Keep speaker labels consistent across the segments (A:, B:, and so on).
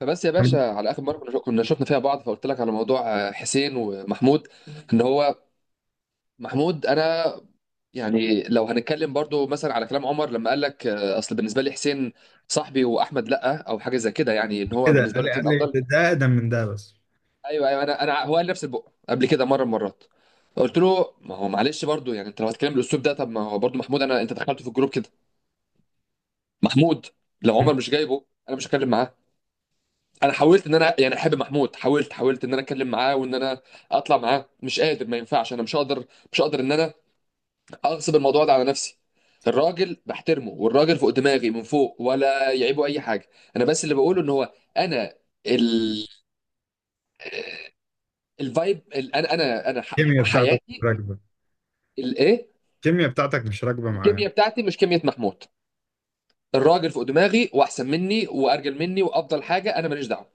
A: فبس يا
B: مش
A: باشا، على اخر مره كنا شفنا فيها بعض فقلت لك على موضوع. حسين ومحمود. ان هو محمود انا، يعني لو هنتكلم برضو مثلا على كلام عمر لما قال لك. اصل بالنسبه لي حسين صاحبي واحمد، لا او حاجه زي كده، يعني ان هو
B: كده
A: بالنسبه
B: قال
A: له
B: لي،
A: حسين افضل.
B: ده اقدم من ده، بس.
A: ايوه، ايوه، انا هو قال نفس البق قبل كده مره من مرات. قلت له ما هو معلش، برضو يعني انت لو هتتكلم بالاسلوب ده، طب ما هو برضو محمود، انا انت دخلته في الجروب كده. محمود، لو عمر مش جايبه انا مش هتكلم معاه. انا حاولت ان انا يعني احب محمود، حاولت حاولت ان انا اتكلم معاه وان انا اطلع معاه، مش قادر، ما ينفعش، انا مش هقدر. مش هقدر ان انا اغصب الموضوع ده على نفسي. الراجل بحترمه والراجل فوق دماغي من فوق ولا يعيبه اي حاجه. انا بس اللي بقوله ان هو، انا ال... الفايب، انا
B: الكيمياء بتاعتك مش
A: حياتي.
B: راكبه
A: الايه؟
B: الكيمياء بتاعتك مش راكبه معاه.
A: الكيمياء بتاعتي مش كيمياء محمود. الراجل فوق دماغي واحسن مني وارجل مني وافضل حاجه، انا ماليش دعوه.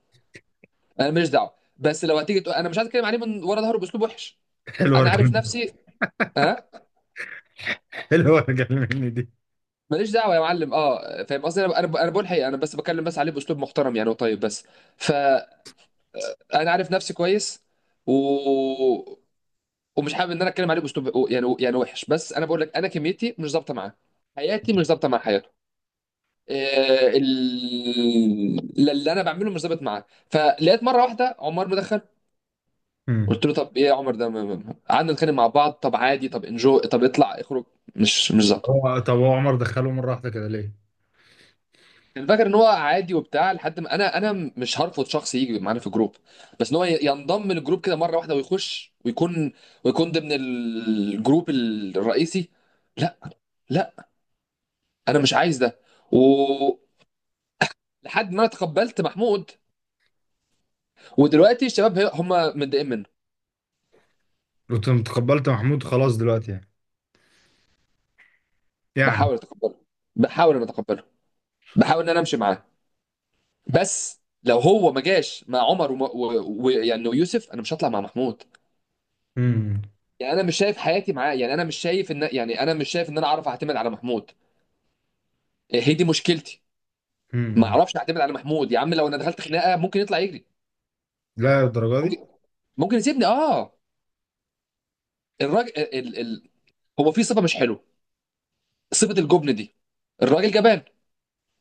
A: انا ماليش دعوه، بس لو هتيجي تقول انا مش عايز اتكلم عليه من ورا ظهره باسلوب وحش.
B: حلوه
A: انا
B: رجل
A: عارف نفسي. ها.
B: حلوه رجل مني دي.
A: ماليش دعوه يا معلم، اه، فاهم قصدي، انا بقول الحقيقه، انا بس بكلم بس عليه باسلوب محترم يعني وطيب بس. فانا عارف نفسي كويس، و... ومش حابب ان انا اتكلم عليه باسلوب يعني يعني وحش، بس انا بقول لك انا كميتي مش ظابطه معاه. حياتي مش ظابطه مع حياته. اللي انا بعمله مش ظابط معاه، فلقيت مره واحده عمار مدخل.
B: مم.
A: قلت له طب ايه يا عمر ده، قعدنا نتخانق مع بعض، طب عادي، طب انجو، طب اطلع اخرج. مش ظابطه.
B: طب هو عمر دخله مره واحده كده ليه؟
A: كان فاكر ان هو عادي وبتاع، لحد ما انا، انا مش هرفض شخص يجي معانا في الجروب، بس ان هو ينضم للجروب كده مره واحده ويخش ويكون، ويكون ضمن الجروب الرئيسي. لا. لا، انا مش عايز ده. ولحد ما انا تقبلت محمود، ودلوقتي الشباب هم متضايقين منه.
B: قلت له تقبلت محمود خلاص دلوقتي، يعني.
A: بحاول اتقبله، بحاول ان اتقبله، بحاول ان انا امشي معاه، بس لو هو ما جاش مع عمر ويعني ويوسف انا مش هطلع مع محمود.
B: مم.
A: يعني انا مش شايف حياتي معاه، يعني انا مش شايف ان، يعني انا مش شايف ان انا اعرف اعتمد على محمود. هي دي مشكلتي. ما
B: مم.
A: اعرفش اعتمد على محمود يا عم، لو انا دخلت خناقه ممكن يطلع يجري.
B: لا الدرجه دي.
A: ممكن. ممكن يسيبني، اه. الراجل هو في صفه مش حلوه، صفه الجبن دي. الراجل جبان.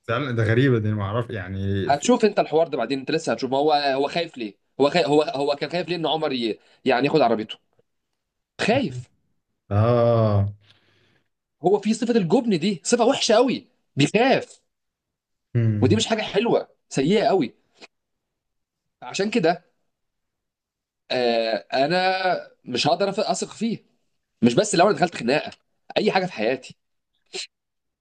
B: فعلا ده غريبه دي، ما اعرف يعني
A: هتشوف انت الحوار ده بعدين، انت لسه هتشوف. ما هو هو خايف ليه. هو خايف. هو كان خايف ليه، ان عمر يعني ياخد عربيته. خايف.
B: اه.
A: هو في صفه الجبن دي، صفه وحشه قوي. بيخاف. ودي
B: مم.
A: مش حاجه حلوه، سيئه قوي. عشان كده، انا مش هقدر اثق فيه. مش بس لو انا دخلت خناقه، اي حاجه في حياتي.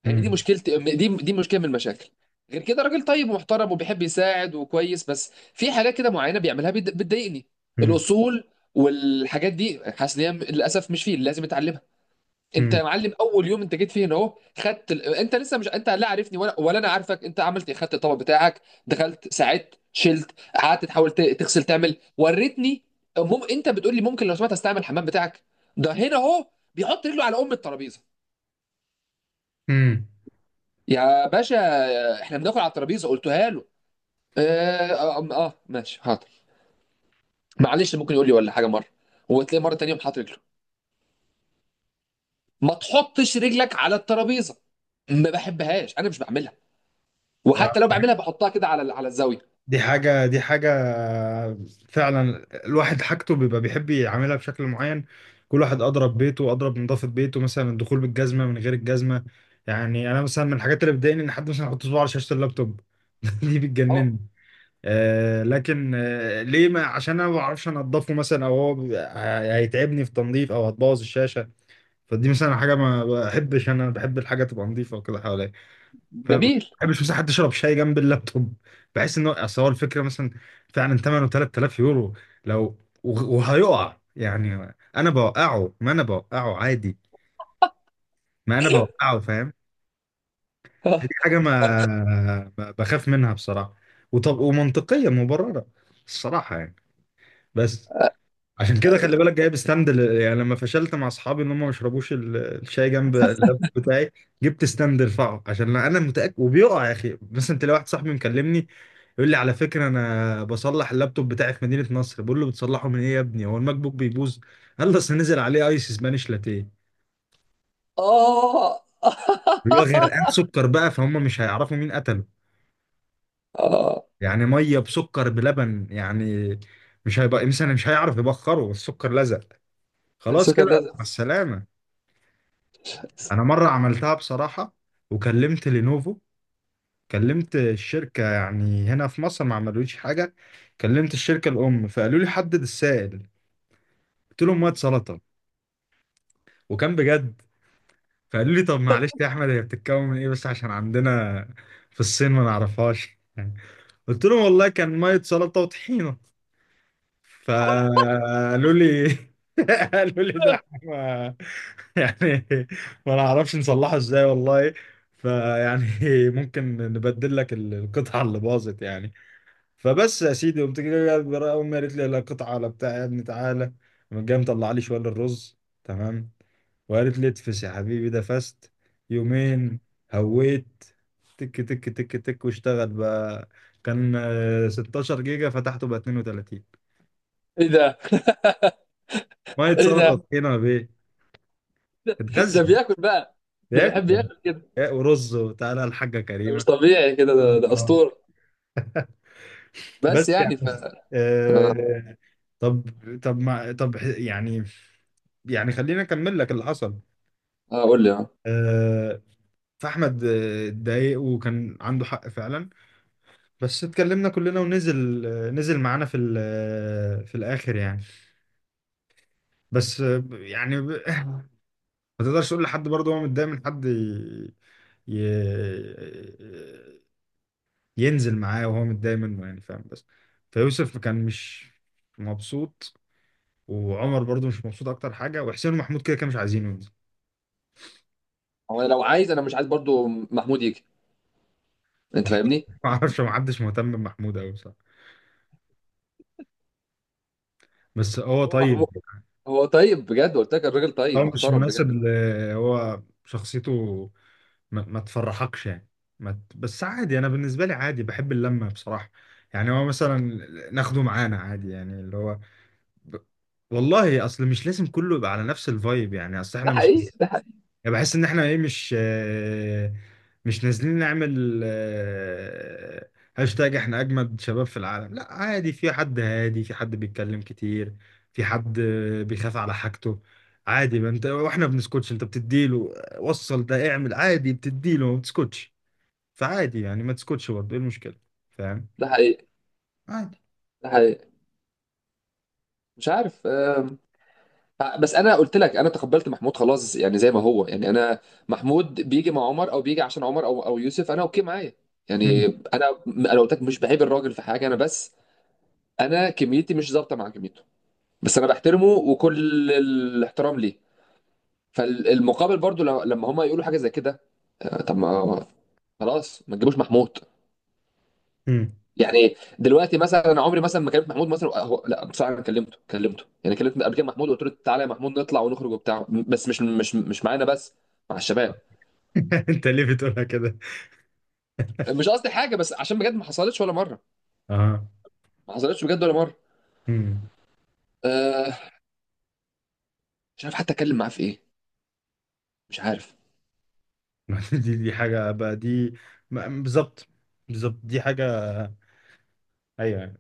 A: هي دي
B: مم.
A: مشكلتي، دي مشكله من المشاكل. غير كده راجل طيب ومحترم وبيحب يساعد وكويس، بس في حاجات كده معينه بيعملها بتضايقني.
B: مم.
A: الاصول والحاجات دي، حاسس ان هي للاسف مش فيه، لازم اتعلمها. انت
B: مم.
A: يا معلم، اول يوم انت جيت فيه هنا اهو، خدت انت لسه، مش انت لا عارفني ولا انا عارفك، انت عملت ايه؟ خدت الطبق بتاعك، دخلت، ساعدت، شلت، قعدت تحاول تغسل تعمل، وريتني. انت بتقول لي ممكن لو سمحت استعمل الحمام بتاعك. ده هنا اهو بيحط رجله على ام الترابيزه.
B: مم.
A: يا باشا، احنا بناكل على الترابيزه، قلتها له. اه، اه، اه، ماشي حاضر. معلش، ممكن يقول لي ولا حاجه مره، وتلاقي مره تانيه يوم حاطط رجله. ما تحطش رجلك على الترابيزه، ما بحبهاش، انا مش بعملها، وحتى لو بعملها بحطها كده على الزاويه.
B: دي حاجة. فعلا الواحد حاجته بيبقى بيحب يعملها بشكل معين. كل واحد أضرب نظافة بيته مثلا، الدخول بالجزمة من غير الجزمة. يعني أنا مثلا من الحاجات اللي بتضايقني إن حد مثلا يحط صباعه على شاشة اللابتوب. دي
A: أهو.
B: بتجنني. لكن، ليه؟ ما عشان أنا ما بعرفش أنضفه مثلا، أو هيتعبني في تنظيف، أو هتبوظ الشاشة. فدي مثلا حاجة ما بحبش، أنا بحب الحاجة تبقى نظيفة وكده حواليا، فاهم؟ ما
A: جميل.
B: بحبش مثلا حد يشرب شاي جنب اللابتوب. بحس ان هو، اصل هو الفكره مثلا، فعلا ثمنه 3000 يورو. لو وهيقع، يعني انا بوقعه؟ ما انا بوقعه عادي، ما انا بوقعه، فاهم؟ فدي حاجه ما بخاف منها بصراحه، وطب ومنطقيه مبرره الصراحه يعني. بس عشان كده خلي بالك جايب ستاند، يعني لما فشلت مع اصحابي ان هم ما يشربوش الشاي جنب اللاب بتاعي، جبت ستاند ارفعه عشان انا متاكد وبيقع. يا اخي، مثلا تلاقي واحد صاحبي مكلمني يقول لي على فكره انا بصلح اللابتوب بتاعي في مدينه نصر. بقول له بتصلحه من ايه يا ابني؟ هو الماك بوك بيبوظ؟ قال لي اصل نزل عليه ايس سبانيش لاتيه،
A: اه.
B: اللي هو غرقان سكر بقى، فهم؟ مش هيعرفوا مين قتله.
A: اه.
B: يعني ميه بسكر بلبن يعني، مش هيبقى مثلا، مش هيعرف يبخره، السكر لزق، خلاص
A: السكر
B: كده،
A: لازم.
B: مع السلامه. انا مره عملتها بصراحه، وكلمت لينوفو، كلمت الشركه يعني هنا في مصر، ما عملوليش حاجه. كلمت الشركه الام فقالوا لي حدد السائل. قلت لهم ميه سلطه، وكان بجد. فقالوا لي طب معلش يا احمد، هي بتتكون من ايه؟ بس عشان عندنا في الصين ما نعرفهاش. قلت لهم والله كان ميه سلطه وطحينه. فقالوا لي قالوا لي ده إحنا يعني ما نعرفش نصلحه ازاي والله. فيعني ممكن نبدل لك القطعة اللي باظت يعني. فبس يا سيدي، قمت جاي امي قالت لي لا قطعة ولا بتاع يا ابني، تعالى. قامت جايه مطلع لي شوية الرز، تمام، وقالت لي اتفس يا حبيبي ده فست، يومين هويت، تك تك تك تك، واشتغل بقى. كان 16 جيجا، فتحته بقى 32.
A: ايه ده؟
B: ميه
A: ايه
B: سلطه
A: ده؟
B: طحينه بيه،
A: ده
B: اتغذى،
A: بياكل بقى؟ ده
B: ياكل
A: بيحب ياكل كده؟
B: ورز، وتعالى الحاجه
A: ده مش
B: كريمه.
A: طبيعي كده، ده
B: خلاص.
A: اسطوره. بس
B: بس
A: يعني ف.
B: يعني
A: آه،
B: آه، طب طب ما طب يعني، يعني خليني اكمل لك اللي حصل.
A: قول لي، اه.
B: آه فاحمد اتضايق وكان عنده حق فعلا. بس اتكلمنا كلنا ونزل آه، نزل معانا في في الاخر يعني. يعني ما تقدرش تقول لحد برضه هو متضايق من حد، ي... ي... ينزل معاه وهو متضايق منه يعني، فاهم؟ بس فيوسف كان مش مبسوط، وعمر برضو مش مبسوط اكتر حاجه، وحسين ومحمود كده كانوا مش عايزينه ينزل.
A: هو لو عايز، انا مش عايز برضو محمود يجي. انت فاهمني.
B: ما اعرفش، ما حدش مهتم بمحمود قوي بصراحه، بس هو
A: هو
B: طيب.
A: محمود، هو طيب بجد، قلت لك الراجل طيب
B: هو مش
A: محترم بجد.
B: مناسب هو شخصيته، ما تفرحكش يعني. ما ت... بس عادي، انا بالنسبه لي عادي، بحب اللمه بصراحه. يعني هو مثلا ناخده معانا عادي، يعني اللي هو ب... والله اصل مش لازم كله يبقى على نفس الفايب، يعني اصل
A: ده
B: احنا مش،
A: حقيقي، ده حقيقي.
B: يعني بحس ان احنا ايه، مش نازلين نعمل هاشتاج احنا اجمد شباب في العالم. لا عادي، في حد هادي، في حد بيتكلم كتير، في حد بيخاف على حاجته. عادي، ما انت واحنا بنسكتش، انت بتديله وصل ده اعمل عادي، بتديله ما بتسكتش. فعادي يعني، ما تسكتش برضه، ايه المشكلة؟ فاهم؟
A: ده حقيقي.
B: عادي.
A: ده حقيقي. مش عارف. بس انا قلت لك انا تقبلت محمود خلاص، يعني زي ما هو يعني انا، محمود بيجي مع عمر او بيجي عشان عمر او يوسف، انا اوكي معايا.
B: مم.
A: يعني انا، انا قلت لك مش بعيب الراجل في حاجه، انا بس انا كميتي مش ظابطه مع كميته. بس انا بحترمه وكل الاحترام ليه. فالمقابل برضو لما هم يقولوا حاجه زي كده. طب ما خلاص ما تجيبوش محمود.
B: مم.
A: يعني دلوقتي مثلا، انا عمري مثلا ما كلمت محمود مثلا، هو لا بصراحه انا كلمته، كلمته يعني، كلمت قبل كده محمود وقلت له تعالى يا محمود نطلع ونخرج وبتاع، بس مش معانا، بس مع الشباب.
B: انت ليه بتقولها كده؟
A: مش قصدي حاجه، بس عشان بجد ما حصلتش ولا مره،
B: اه.
A: ما حصلتش بجد ولا مره.
B: مم.
A: أه. مش عارف حتى اتكلم معاه في ايه. مش عارف.
B: دي حاجة بقى دي. بالظبط. بالظبط دي حاجة. ايوه.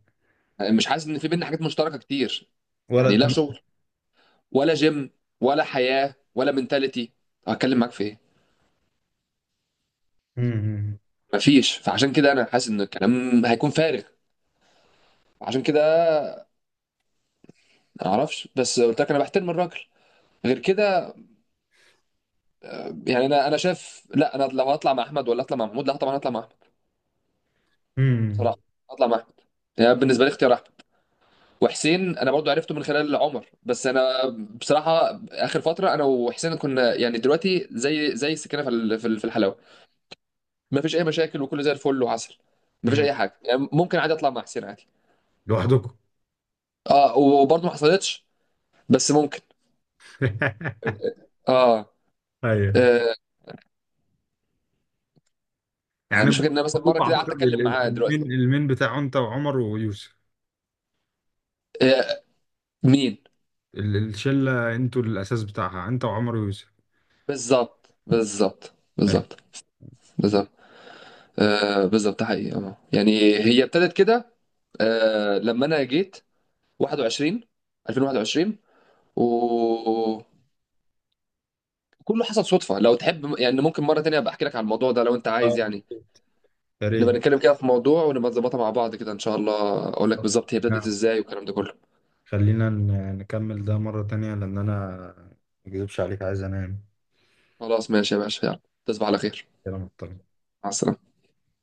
A: مش حاسس ان في بينا حاجات مشتركه كتير، يعني لا
B: ورقة.
A: شغل، ولا جيم، ولا حياه، ولا منتاليتي، هتكلم معاك في ايه؟
B: امم.
A: مفيش. فعشان كده انا حاسس ان الكلام هيكون فارغ. عشان كده ما اعرفش، بس قلت لك انا بحترم الراجل. غير كده يعني، انا انا شايف لا، انا لو هطلع مع احمد ولا اطلع مع محمود، لا طبعا هطلع مع احمد.
B: إمم، إمم.
A: بصراحه، هطلع مع احمد. يعني بالنسبه لي اختيار احمد. وحسين انا برضو عرفته من خلال عمر، بس انا بصراحه اخر فتره انا وحسين كنا يعني دلوقتي زي، زي السكينه في في الحلاوه. ما فيش اي مشاكل، وكله زي الفل وعسل، ما فيش
B: إمم.
A: اي حاجه. يعني ممكن عادي اطلع مع حسين عادي.
B: لوحدكم.
A: اه، وبرضو ما حصلتش بس ممكن. اه.
B: ايوه.
A: آه، انا
B: يعني
A: مش فاكر
B: أنتوا
A: ان انا مثلا مره كده قعدت
B: اعتقد
A: اتكلم معاه
B: المين
A: دلوقتي.
B: المين بتاعه انت وعمر ويوسف،
A: آه، مين؟
B: الشله انتوا الاساس بتاعها انت وعمر ويوسف.
A: بالظبط، بالظبط،
B: ايوه.
A: بالظبط، بالظبط. آه، بالظبط، ده حقيقي، اه. يعني هي ابتدت كده آه، لما انا جيت 21 2021، وكله حصل صدفه. لو تحب يعني ممكن مره تانية ابقى احكي لك على الموضوع ده لو انت عايز،
B: اه.
A: يعني
B: يا ريت.
A: نبقى نتكلم كده في موضوع، ونبقى نظبطها مع بعض كده ان شاء الله، اقول لك بالظبط هي ابتدت
B: نعم.
A: ازاي، والكلام ده كله.
B: خلينا نكمل ده مرة تانية، لأن أنا ما أكذبش عليك، عايز أنام،
A: خلاص ماشي يا باشا، يلا تصبح على خير.
B: كده مضطر.
A: مع السلامه.